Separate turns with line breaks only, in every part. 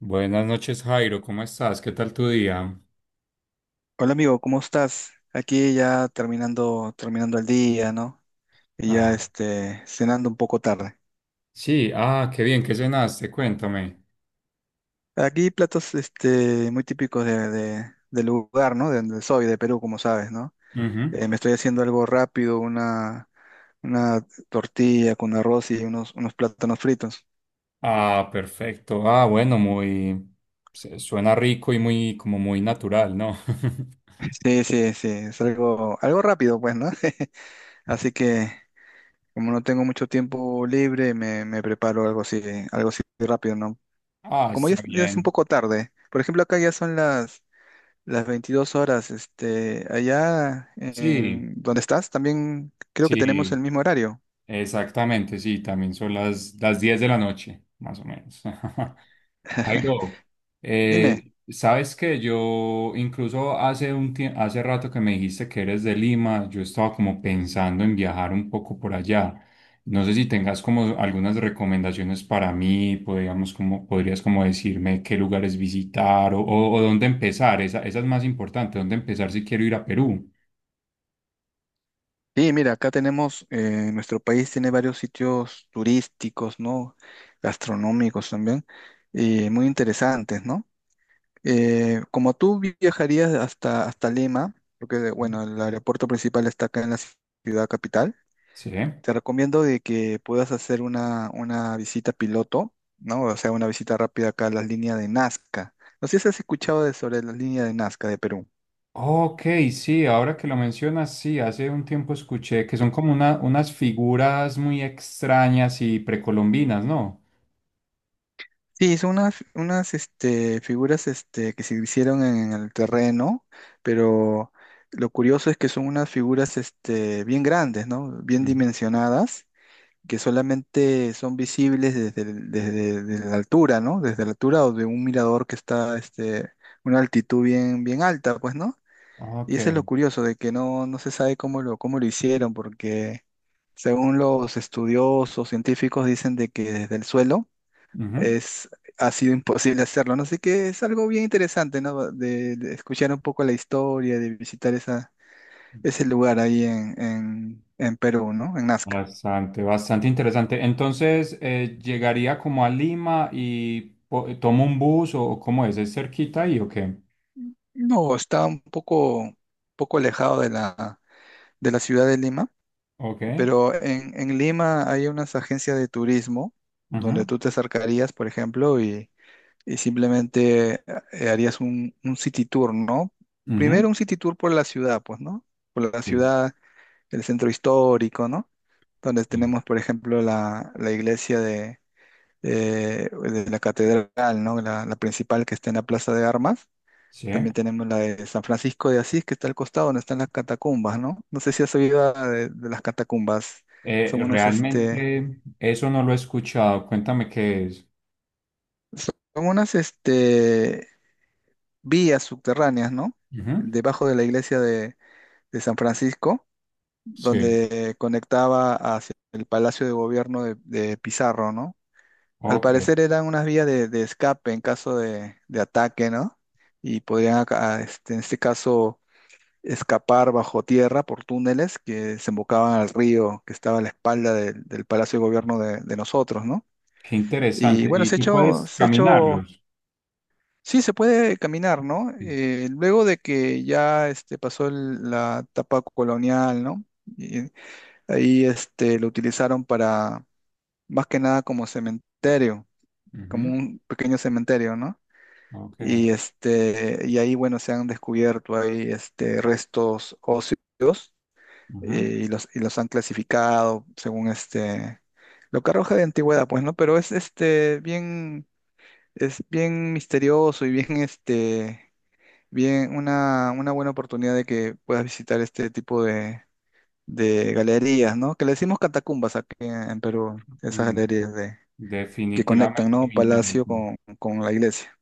Buenas noches, Jairo, ¿cómo estás? ¿Qué tal tu día?
Hola amigo, ¿cómo estás? Aquí ya terminando el día, ¿no? Y ya
Ah,
cenando un poco tarde.
sí, qué bien, ¿qué cenaste? Cuéntame.
Aquí platos muy típicos del lugar, ¿no? De donde soy, de Perú, como sabes, ¿no?
Ujú.
Me estoy haciendo algo rápido, una tortilla con arroz y unos plátanos fritos.
Ah, perfecto. Ah, bueno, Suena rico y muy, como muy natural, ¿no?
Sí, sí, sí, es algo rápido, pues, ¿no? Así que como no tengo mucho tiempo libre, me preparo algo así rápido, ¿no?
Ah,
Como
está
ya es un
bien.
poco tarde, por ejemplo, acá ya son las 22 horas, allá
Sí,
en donde estás, también creo que tenemos el
sí,
mismo horario.
exactamente, sí, también son las 10 de la noche, más o menos. Jairo,
Dime.
sabes que yo incluso hace rato que me dijiste que eres de Lima, yo estaba como pensando en viajar un poco por allá. No sé si tengas como algunas recomendaciones para mí, podrías como decirme qué lugares visitar o dónde empezar. Esa es más importante, dónde empezar si quiero ir a Perú.
Sí, mira, acá tenemos, nuestro país tiene varios sitios turísticos, ¿no? Gastronómicos también, y muy interesantes, ¿no? Como tú viajarías hasta Lima, porque, bueno, el aeropuerto principal está acá en la ciudad capital.
Sí.
Te recomiendo de que puedas hacer una visita piloto, ¿no? O sea, una visita rápida acá a las líneas de Nazca. No sé si has escuchado sobre las líneas de Nazca de Perú.
Ok, sí, ahora que lo mencionas, sí, hace un tiempo escuché que son como unas figuras muy extrañas y precolombinas, ¿no?
Sí, son unas figuras que se hicieron en el terreno, pero lo curioso es que son unas figuras bien grandes, ¿no? Bien
Ujú.
dimensionadas, que solamente son visibles desde la altura, ¿no? Desde la altura o de un mirador que está una altitud bien, bien alta, pues, ¿no?
Ok,
Y eso es lo curioso, de que no, no se sabe cómo lo hicieron, porque según los estudiosos científicos dicen de que desde el suelo
ujú.
es, ha sido imposible hacerlo, ¿no? Así que es algo bien interesante, ¿no? De escuchar un poco la historia, de visitar ese lugar ahí en Perú, ¿no? En Nazca.
Bastante, bastante interesante. Entonces, llegaría como a Lima y tomo un bus o cómo ¿es cerquita ahí o qué?
No, está un poco alejado de la ciudad de Lima,
Ok,
pero en Lima hay unas agencias de turismo donde
ujú,
tú te acercarías, por ejemplo, y simplemente harías un city tour, ¿no?
ujú.
Primero un city tour por la ciudad, pues, ¿no? Por la
Sí,
ciudad, el centro histórico, ¿no? Donde
sí,
tenemos, por ejemplo, la iglesia de la catedral, ¿no? La principal que está en la Plaza de Armas.
sí.
También tenemos la de San Francisco de Asís, que está al costado donde están las catacumbas, ¿no? No sé si has oído de las catacumbas. Son unos, este,
Realmente eso no lo he escuchado, cuéntame qué es.
son unas vías subterráneas, ¿no?
Ujú.
Debajo de la iglesia de San Francisco,
Sí,
donde conectaba hacia el Palacio de Gobierno de Pizarro, ¿no? Al
ok.
parecer eran unas vías de escape en caso de ataque, ¿no? Y podrían, en este caso, escapar bajo tierra por túneles que se embocaban al río que estaba a la espalda del Palacio de Gobierno de nosotros, ¿no?
Qué
Y
interesante.
bueno,
Y
se ha
tú
hecho,
puedes
se ha hecho.
caminarlos.
Sí, se puede caminar, ¿no?
Sí.
Luego de que ya pasó la etapa colonial, ¿no? Y ahí lo utilizaron para, más que nada, como cementerio, como
Ujú.
un pequeño cementerio, ¿no?
Ok.
Y ahí, bueno, se han descubierto ahí restos óseos
Ujú.
y los han clasificado según lo que arroja de antigüedad, pues, ¿no? Pero es bien misterioso y bien Bien, una buena oportunidad de que puedas visitar este tipo de galerías, ¿no? Que le decimos catacumbas aquí en Perú, esas
Mm,
galerías que conectan,
definitivamente
¿no?
me
Palacio
interesa.
con la iglesia.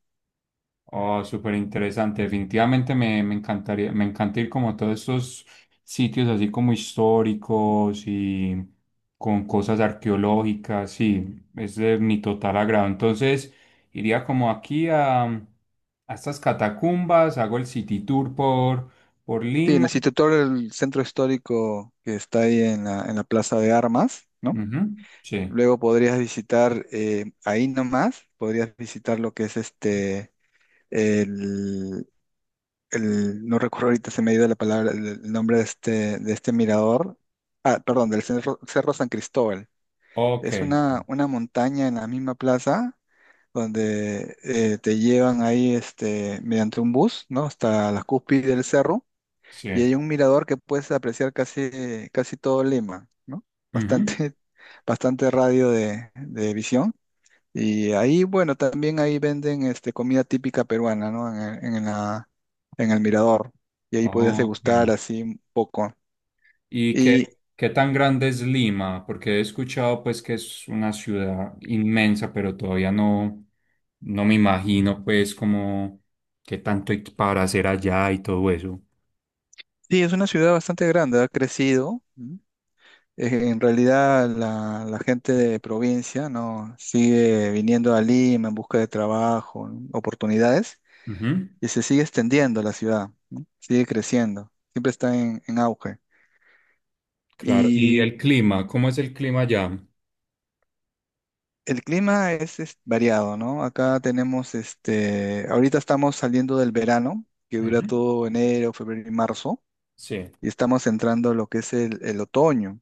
Oh, súper interesante. Definitivamente me encantaría, me encanta ir como a todos esos sitios así como históricos y con cosas arqueológicas. Sí, es de mi total agrado. Entonces, iría como a estas catacumbas, hago el city tour por
Sí, en el
Lima.
instituto del centro histórico que está ahí en la Plaza de Armas, ¿no?
Ujú. Sí.
Luego podrías visitar ahí nomás, podrías visitar lo que es el el, no recuerdo ahorita, se me ha ido la palabra, el nombre de este mirador, perdón, del Cerro San Cristóbal.
Ok,
Es una montaña en la misma plaza donde te llevan ahí mediante un bus, ¿no? Hasta la cúspide del cerro,
sí.
y hay un mirador que puedes apreciar casi, casi todo Lima, ¿no?
Ujú.
Bastante, bastante radio de visión. Y ahí, bueno, también ahí venden comida típica peruana, ¿no? En el Mirador. Y ahí podías degustar
Ok.
así un poco.
¿Y qué,
Y
¿qué tan grande es Lima? Porque he escuchado pues que es una ciudad inmensa, pero todavía no, no me imagino pues como qué tanto hay para hacer allá y todo eso.
sí, es una ciudad bastante grande, ha crecido. ¿M? En realidad la gente de provincia, ¿no? Sigue viniendo a Lima en busca de trabajo, ¿no? Oportunidades,
Ujú.
y se sigue extendiendo la ciudad, ¿no? Sigue creciendo, siempre está en auge.
Claro. ¿Y
Y
el clima? ¿Cómo es el clima allá?
el clima es variado, ¿no? Acá tenemos, ahorita estamos saliendo del verano, que dura
Ujú.
todo enero, febrero y marzo,
Sí.
y estamos entrando a lo que es el otoño.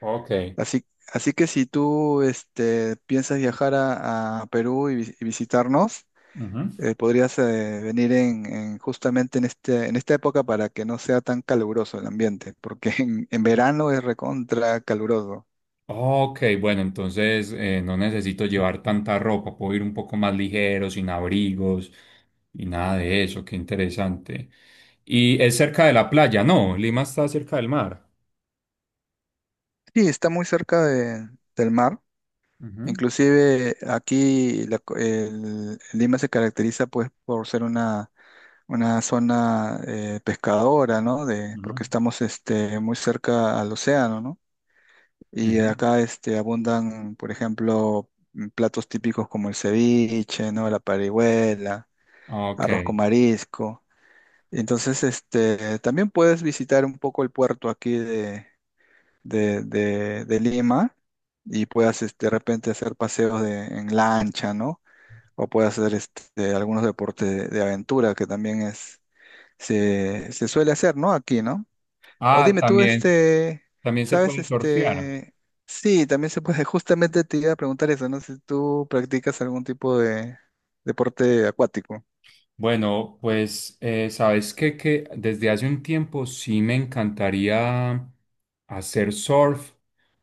Ok.
Así, así que si tú, piensas viajar a Perú y visitarnos,
Ujú.
podrías venir justamente en esta época para que no sea tan caluroso el ambiente, porque en verano es recontra caluroso.
Ok, bueno, entonces no necesito llevar tanta ropa, puedo ir un poco más ligero, sin abrigos y nada de eso, qué interesante. Y es cerca de la playa, no, Lima está cerca del mar.
Sí, está muy cerca del mar.
Ujú,
Inclusive aquí Lima se caracteriza pues por ser una zona pescadora, ¿no? De,
ujú,
porque estamos muy cerca al océano, ¿no? Y
ujú.
acá abundan, por ejemplo, platos típicos como el ceviche, ¿no? La parihuela,
Ok.
arroz con marisco. Entonces, también puedes visitar un poco el puerto aquí de Lima y puedas de repente hacer paseos en lancha, ¿no? O puede hacer algunos deportes de aventura que también se suele hacer, ¿no? Aquí, ¿no? O
Ah,
dime tú,
también, también se
¿sabes?
puede surfear.
Sí, también se puede. Justamente te iba a preguntar eso, ¿no? Si tú practicas algún tipo de deporte acuático.
Bueno, pues sabes que desde hace un tiempo sí me encantaría hacer surf,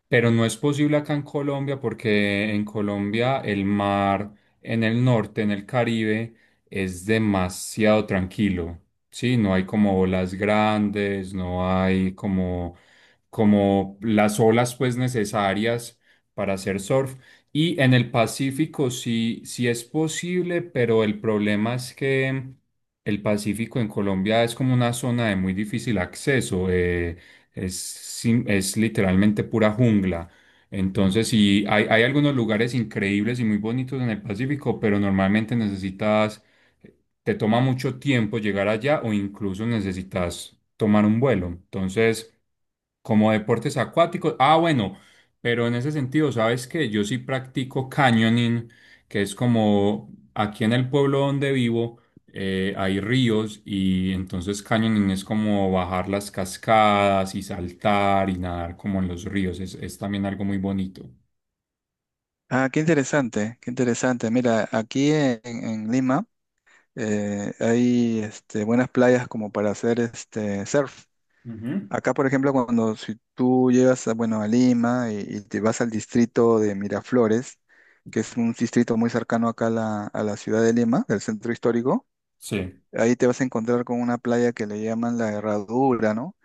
pero no es posible acá en Colombia porque en Colombia el mar en el norte, en el Caribe, es demasiado tranquilo. Sí, no hay como olas grandes, no hay como, como las olas pues necesarias para hacer surf. Y en el Pacífico sí, sí es posible, pero el problema es que el Pacífico en Colombia es como una zona de muy difícil acceso, es literalmente pura jungla. Entonces sí, hay algunos lugares increíbles y muy bonitos en el Pacífico, pero normalmente necesitas, te toma mucho tiempo llegar allá o incluso necesitas tomar un vuelo. Entonces... Como deportes acuáticos. Ah, bueno, pero en ese sentido, sabes que yo sí practico canyoning, que es como aquí en el pueblo donde vivo hay ríos y entonces canyoning es como bajar las cascadas y saltar y nadar como en los ríos. Es también algo muy bonito.
Ah, qué interesante, qué interesante. Mira, aquí en Lima hay buenas playas como para hacer surf.
Ujú.
Acá, por ejemplo, cuando si tú llegas a, bueno, a Lima y te vas al distrito de Miraflores, que es un distrito muy cercano acá a la ciudad de Lima, del centro histórico,
Sí.
ahí te vas a encontrar con una playa que le llaman la Herradura, ¿no?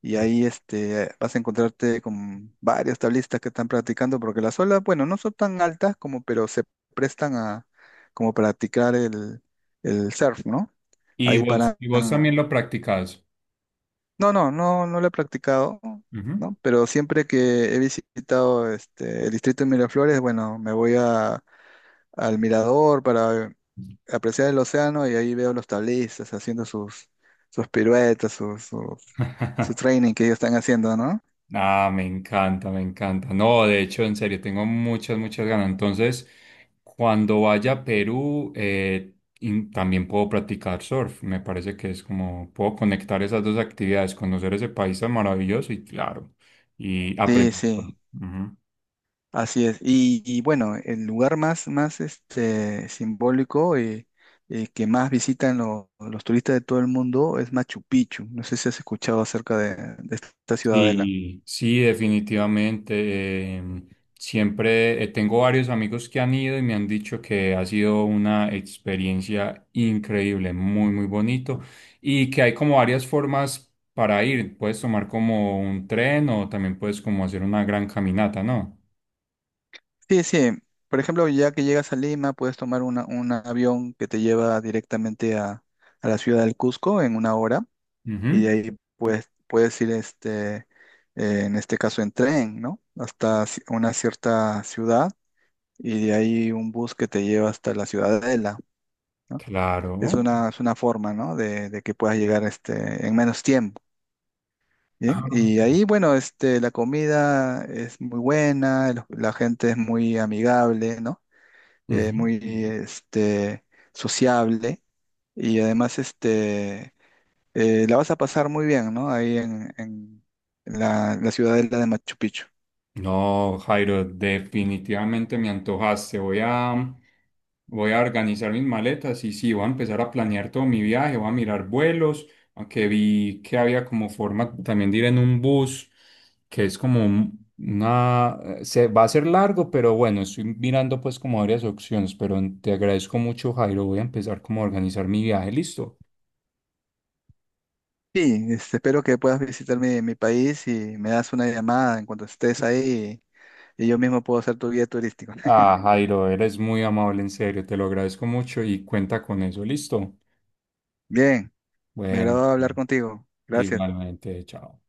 Y ahí vas a encontrarte con varios tablistas que están practicando, porque las olas, bueno, no son tan altas como, pero se prestan a como practicar el surf, ¿no? Ahí paran
Y vos también lo practicás.
No, no, no, no lo he practicado,
Ujú.
¿no? Pero siempre que he visitado el distrito de Miraflores, bueno, me voy al mirador para apreciar el océano y ahí veo los tablistas haciendo sus piruetas, su training que ellos están haciendo, ¿no?
Ah, me encanta, me encanta. No, de hecho, en serio, tengo muchas, muchas ganas. Entonces, cuando vaya a Perú, también puedo practicar surf. Me parece que es como, puedo conectar esas dos actividades, conocer ese país tan maravilloso y claro, y
Sí,
aprender surf.
sí,
Ujú.
así es. Y bueno, el lugar más simbólico y que más visitan los turistas de todo el mundo es Machu Picchu. No sé si has escuchado acerca de esta ciudadela.
Sí, sí, definitivamente. Siempre tengo varios amigos que han ido y me han dicho que ha sido una experiencia increíble, muy, muy bonito y que hay como varias formas para ir. Puedes tomar como un tren o también puedes como hacer una gran caminata, ¿no?
Sí, sí. Por ejemplo, ya que llegas a Lima, puedes tomar un avión que te lleva directamente a la ciudad del Cusco en una hora, y de
Ujú.
ahí puedes ir, en este caso, en tren, ¿no? Hasta una cierta ciudad, y de ahí un bus que te lleva hasta la ciudadela, ¿no?
Claro.
Es una forma, ¿no? De que puedas llegar, en menos tiempo.
Ah,
Bien, y ahí, bueno, la comida es muy buena, la gente es muy amigable, ¿no? eh,
ujú.
muy este, sociable y además la vas a pasar muy bien, ¿no? Ahí en la ciudadela de Machu Picchu.
No, Jairo, definitivamente me antojaste. Voy a organizar mis maletas y sí, voy a empezar a planear todo mi viaje, voy a mirar vuelos, aunque vi que había como forma también de ir en un bus, que es como una, se va a ser largo, pero bueno, estoy mirando pues como varias opciones, pero te agradezco mucho, Jairo. Voy a empezar como a organizar mi viaje, listo.
Sí, espero que puedas visitar mi país y me das una llamada en cuanto estés ahí, y yo mismo puedo ser tu guía turístico.
Ah, Jairo, eres muy amable, en serio, te lo agradezco mucho y cuenta con eso, listo.
Bien, me
Bueno.
agradó hablar contigo. Gracias.
Igualmente, chao.